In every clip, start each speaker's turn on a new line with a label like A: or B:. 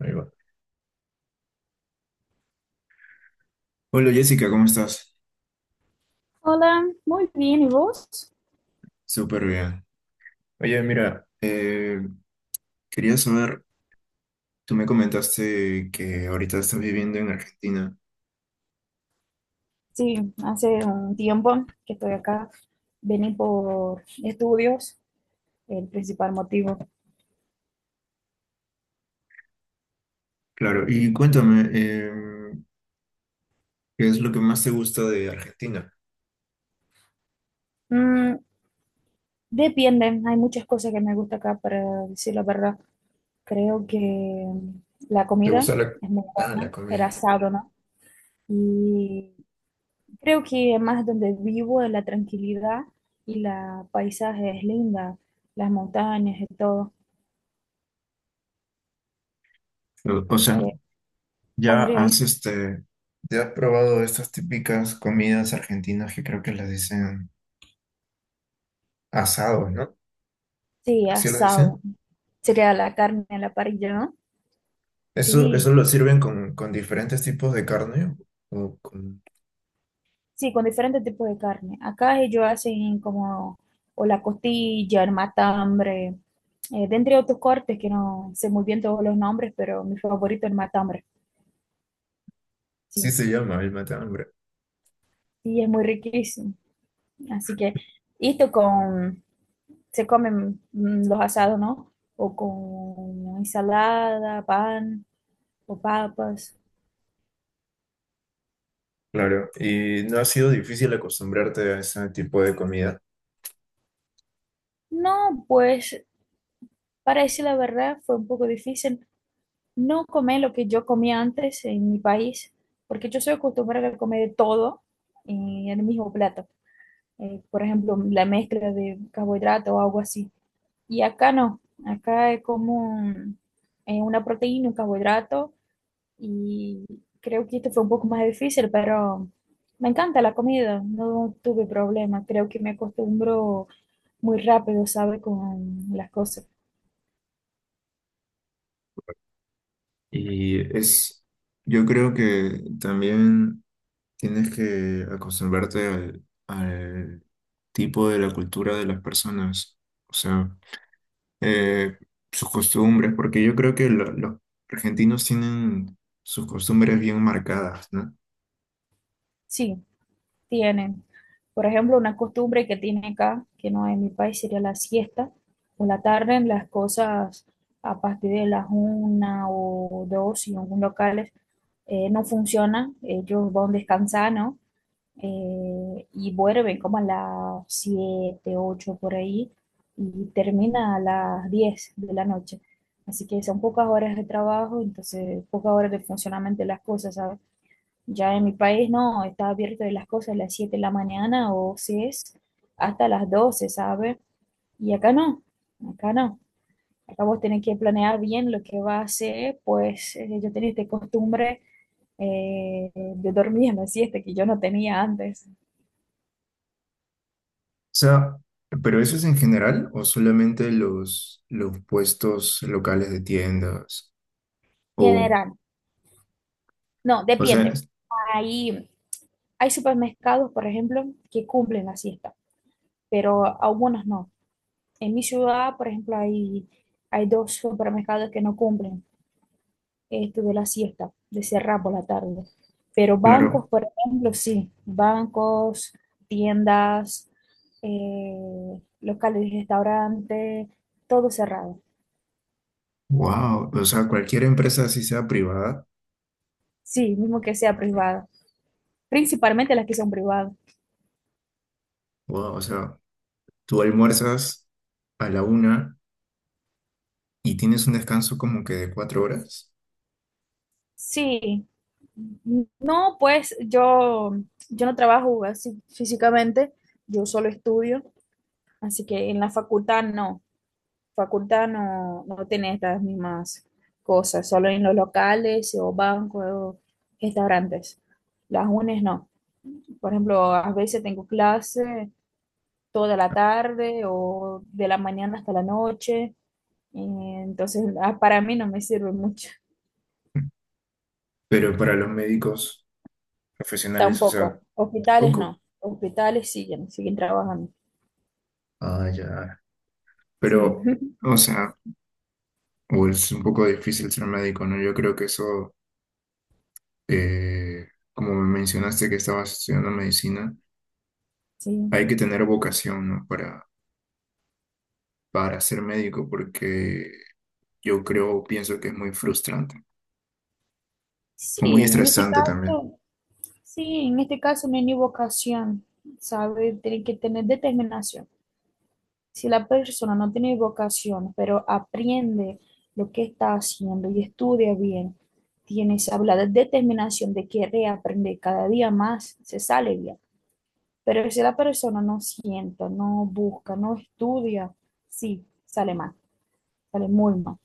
A: Ahí va. Hola Jessica, ¿cómo estás?
B: Hola, muy bien, ¿y vos?
A: Súper bien. Oye, mira, quería saber, tú me comentaste que ahorita estás viviendo en Argentina.
B: Sí, hace un tiempo que estoy acá. Vení por estudios, el principal motivo.
A: Claro, y cuéntame, ¿qué es lo que más te gusta de Argentina?
B: Mm, depende, hay muchas cosas que me gusta acá, para decir la verdad. Creo que la
A: ¿Te
B: comida
A: gusta la,
B: es muy
A: ah, la
B: buena, el
A: comida?
B: asado, ¿no? Y creo que más donde vivo, la tranquilidad y la paisaje es linda, las montañas y todo.
A: O
B: Así
A: sea,
B: que
A: ¿ya
B: pondría
A: has
B: eso.
A: este, ya has probado estas típicas comidas argentinas que creo que las dicen asados, ¿no?
B: Sí,
A: ¿Así las
B: asado.
A: dicen?
B: Sería la carne a la parrilla, ¿no?
A: ¿Eso
B: Sí,
A: lo sirven con diferentes tipos de carne? o con...
B: sí, con diferentes tipos de carne. Acá ellos hacen como o la costilla, el matambre, de entre otros cortes que no sé muy bien todos los nombres, pero mi favorito es el matambre,
A: Sí,
B: sí.
A: se llama el mate hambre.
B: Y es muy riquísimo. Así que esto con, se comen los asados, ¿no? O con ensalada, pan o papas.
A: Claro, y no ha sido difícil acostumbrarte a ese tipo de comida.
B: No, pues para decir la verdad fue un poco difícil no comer lo que yo comía antes en mi país, porque yo soy acostumbrada a comer de todo en el mismo plato. Por ejemplo, la mezcla de carbohidrato o algo así. Y acá no, acá es como un- una proteína, un carbohidrato, y creo que esto fue un poco más difícil, pero me encanta la comida, no tuve problema, creo que me acostumbro muy rápido, ¿sabe? Con las cosas.
A: Y es, yo creo que también tienes que acostumbrarte al tipo de la cultura de las personas, o sea, eh, sus costumbres, porque yo creo que los argentinos tienen sus costumbres bien marcadas, ¿no? O
B: Sí, tienen. Por ejemplo, una costumbre que tiene acá, que no en mi país, sería la siesta. Por la tarde, las cosas a partir de las una o dos y en algunos locales no funcionan. Ellos van descansando, ¿no? Y vuelven como a las 7, 8 por ahí y termina a las 10 de la noche. Así que son pocas horas de trabajo, entonces pocas horas de funcionamiento de las cosas, ¿sabes? Ya en mi país no, está abierto de las cosas a las 7 de la mañana o si es hasta las 12, ¿sabe? Y acá no, acá no. Acá vos tenés que planear bien lo que vas a hacer, pues yo tenía esta costumbre de dormir en la siesta que yo no tenía antes.
A: sea, pero eso es en general o solamente los puestos locales de tiendas. O,
B: General, no,
A: o sea,
B: depende. Hay, hay supermercados, por ejemplo, que cumplen la siesta, pero algunos no. En mi ciudad, por ejemplo, hay dos supermercados que no cumplen. Este, de la siesta, de cerrar por la tarde. Pero
A: claro,
B: bancos, por ejemplo, sí, bancos, tiendas, locales de restaurante, todo cerrado.
A: wow, o sea, cualquier empresa, así sea privada,
B: Sí, mismo que sea privado. Principalmente las que son privadas.
A: wow, o sea, tú almuerzas a la 1 y tienes un descanso como que de 4 horas,
B: Sí, no, pues yo no trabajo así físicamente, yo solo estudio, así que en la facultad no. Facultad no, no tiene estas mismas cosas, solo en los locales o bancos o restaurantes. Las UNES no. Por ejemplo, a veces tengo clase toda la tarde o de la mañana hasta la noche, y entonces para mí no me sirve mucho
A: pero para los médicos profesionales, o
B: tampoco.
A: sea,
B: Hospitales
A: poco.
B: no, hospitales siguen trabajando.
A: Ah, ya.
B: Sí,
A: Pero, o sea, o es un poco difícil ser médico, ¿no? Yo creo que eso, como me mencionaste que estabas estudiando medicina,
B: sí.
A: hay que tener vocación, ¿no? Para ser médico, porque yo creo, pienso que es muy frustrante,
B: Sí,
A: o muy
B: en este
A: estresante también.
B: caso, sí, en este caso no hay ni vocación, ¿sabes? Tiene que tener determinación. Si la persona no tiene vocación, pero aprende lo que está haciendo y estudia bien, tiene esa la determinación de querer aprender cada día más, se sale bien. Pero si la persona no sienta, no busca, no estudia, sí, sale mal, sale muy mal.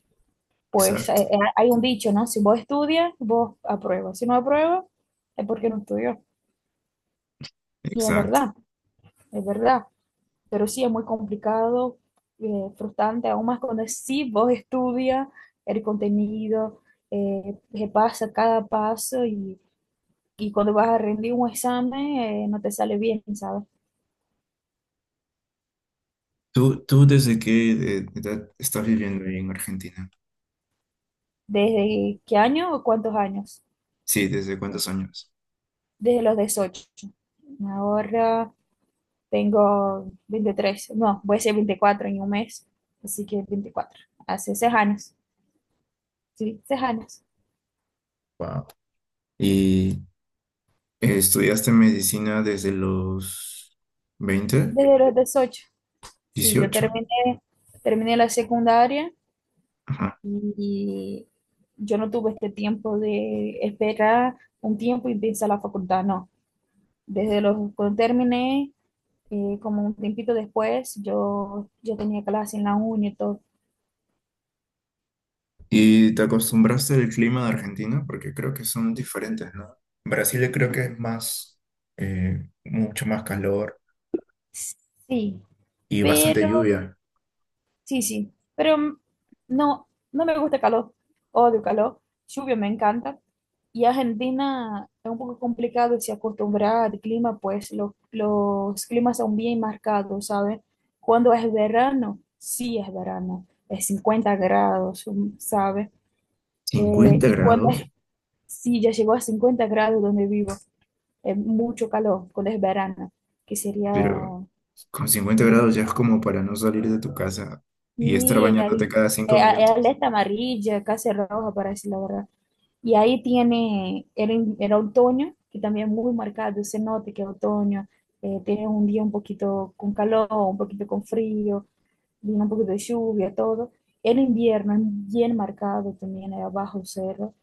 B: Pues
A: Exacto,
B: hay un dicho, ¿no? Si vos estudias, vos apruebas. Si no apruebas, es porque no estudió. Y es
A: exacto.
B: verdad, es verdad. Pero sí es muy complicado, frustrante, aún más cuando sí vos estudias el contenido, repasa cada paso y cuando vas a rendir un examen no te sale bien, ¿sabes?
A: ¿Tú desde qué edad estás viviendo ahí en Argentina?
B: ¿Desde qué año o cuántos años?
A: Sí, ¿desde cuántos años?
B: Desde los 18. Ahora tengo 23 no, voy a ser 24 en un mes, así que 24 hace 6 años, sí, 6 años,
A: Wow. ¿Y estudiaste medicina desde los 20,
B: desde los 18. Sí, yo
A: 18?
B: terminé, la secundaria.
A: Ajá.
B: Y yo no tuve este tiempo de esperar un tiempo y empezar la facultad, no. Cuando terminé, como un tiempito después, yo tenía clase en la uni y todo.
A: ¿Y te acostumbraste al clima de Argentina? Porque creo que son diferentes, ¿no? Brasil creo que es más, mucho más calor
B: Sí,
A: y bastante
B: pero,
A: lluvia.
B: sí, pero no, no me gusta el calor, odio el calor, lluvia me encanta. Y Argentina es un poco complicado de se acostumbrar al clima, pues los climas son bien marcados, ¿sabes? Cuando es verano, sí es verano, es 50 grados, ¿sabes?
A: cincuenta
B: Y cuando es,
A: grados,
B: sí, ya llegó a 50 grados donde vivo, es mucho calor, cuando es verano, que sería,
A: Pero con cincuenta
B: mm,
A: grados ya es como para no salir de tu casa y estar
B: y al-
A: bañándote cada cinco minutos.
B: alerta amarilla, casi roja, parece la verdad. Y ahí tiene, era otoño, que también muy marcado, se nota que es otoño, tiene un día un poquito con calor, un poquito con frío, viene un poquito de lluvia, todo. El invierno es bien marcado también, era bajo cero.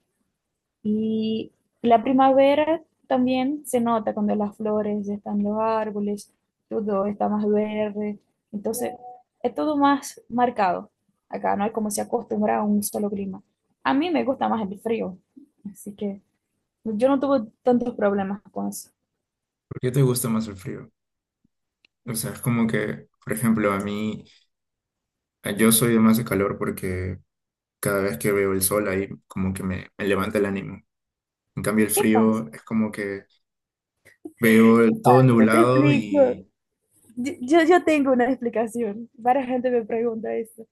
B: Y la primavera también se nota cuando las flores están en los árboles, todo está más verde, entonces es todo más marcado. Acá no hay como se acostumbra a un solo clima. A mí me gusta más el frío, así que yo no tuve tantos problemas con eso.
A: ¿Por qué te gusta más el frío? O sea, es como que, por ejemplo, a mí, a- yo soy de más de calor porque cada vez que veo el sol ahí como que me levanta el ánimo. En cambio, el
B: ¿Qué pasa?
A: frío es como que veo todo
B: Te
A: nublado
B: explico.
A: y...
B: Yo tengo una explicación. Varias gente me pregunta esto.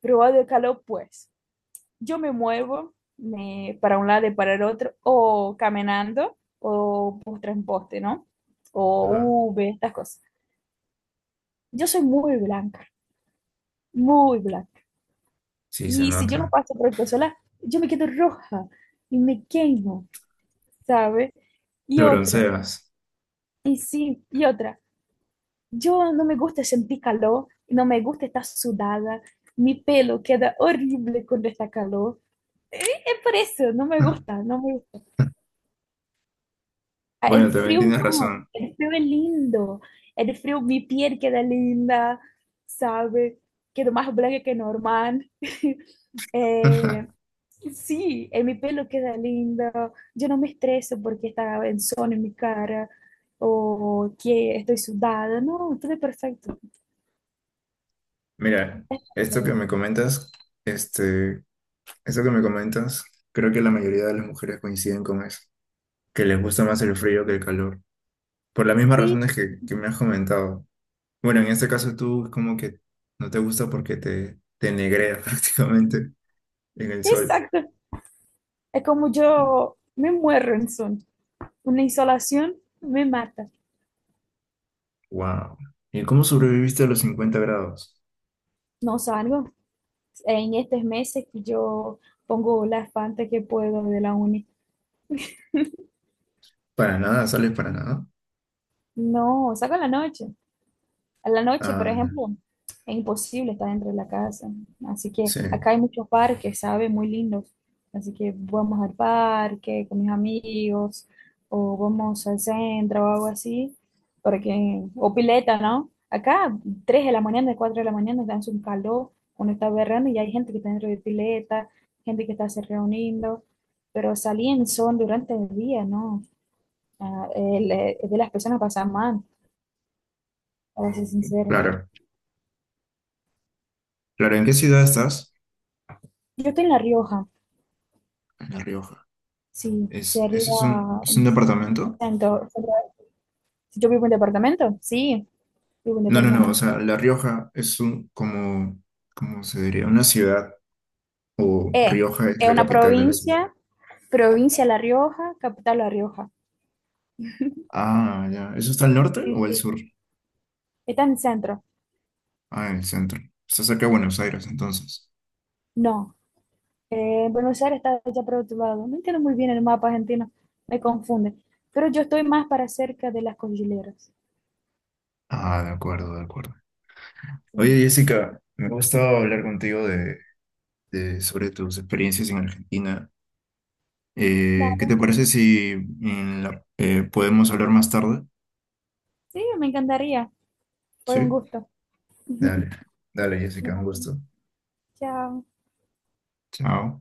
B: Probado de calor, pues. Yo me muevo para un lado y para el otro, o caminando, o postre en poste, ¿no?
A: Ajá,
B: O V, estas cosas. Yo soy muy blanca, muy blanca.
A: sí, se
B: Y si yo no
A: nota.
B: paso protector solar, yo me quedo roja y me quemo, ¿sabes? Y
A: Te
B: otra,
A: bronceas.
B: y sí, y otra. Yo no me gusta sentir calor, no me gusta estar sudada, mi pelo queda horrible cuando está calor. Eh, Es por eso, no me gusta, no me gusta. Ah,
A: Bueno,
B: el
A: también
B: frío
A: tienes
B: no,
A: razón.
B: el frío es lindo, el frío, mi piel queda linda, ¿sabe? Quedo más blanca que normal. Eh, sí, mi pelo queda lindo, yo no me estreso porque está en sol en mi cara o que estoy sudada, no, todo es perfecto.
A: Mira, esto que me comentas, este, eso que me comentas, creo que la mayoría de las mujeres coinciden con eso, que les gusta más el frío que el calor, por las mismas
B: Sí,
A: razones que me has comentado. Bueno, en este caso tú como que no te gusta porque te negrea prácticamente en el sol.
B: exacto. Es como yo me muero en son. Una insolación me mata.
A: Wow. ¿Y cómo sobreviviste a los 50 grados?
B: No salgo. En estos meses que yo pongo las fantas que puedo de la uni.
A: Para nada, sales para nada.
B: No, salgo en la noche. A la noche, por
A: Ah, no.
B: ejemplo, es imposible estar dentro de la casa. Así que
A: Sí,
B: acá hay muchos parques, ¿sabes? Muy lindos. Así que vamos al parque con mis amigos, o vamos al centro o algo así, porque, o pileta, ¿no? Acá, 3 de la mañana, 4 de la mañana, dan un calor, uno está berrando y hay gente que está dentro de pileta, gente que está se reuniendo, pero salir en sol durante el día, ¿no? Ah, el de las personas pasa mal, para ser sincero.
A: claro. Claro, ¿en qué ciudad estás?
B: Yo estoy en La Rioja.
A: En La Rioja.
B: Sí,
A: ¿Es,
B: sería
A: ese es un
B: un
A: departamento?
B: centro. Sería- yo vivo en departamento, sí, vivo en
A: No, no, no, o
B: departamento.
A: sea, La Rioja es un, como, ¿cómo se diría? Una ciudad, o
B: Eh,
A: Rioja es
B: es
A: la
B: una
A: capital de la ciudad.
B: provincia, provincia La Rioja, capital La Rioja.
A: Ah, ya, ¿eso está al norte o
B: Sí,
A: al
B: sí.
A: sur?
B: Está en el centro.
A: Ah, en el centro. Está cerca de Buenos Aires, entonces.
B: No, Buenos Aires está allá por otro lado. No entiendo muy bien el mapa argentino, me confunde. Pero yo estoy más para cerca de las cordilleras.
A: Ah, de acuerdo, de acuerdo. Oye,
B: Sí,
A: Jessica, me ha gustado hablar contigo sobre tus experiencias en Argentina. ¿Qué
B: dale.
A: te parece si podemos hablar más tarde?
B: Sí, me encantaría. Fue un
A: Sí.
B: gusto.
A: Dale, dale, Jessica, un
B: Nada,
A: gusto.
B: chao.
A: Chao.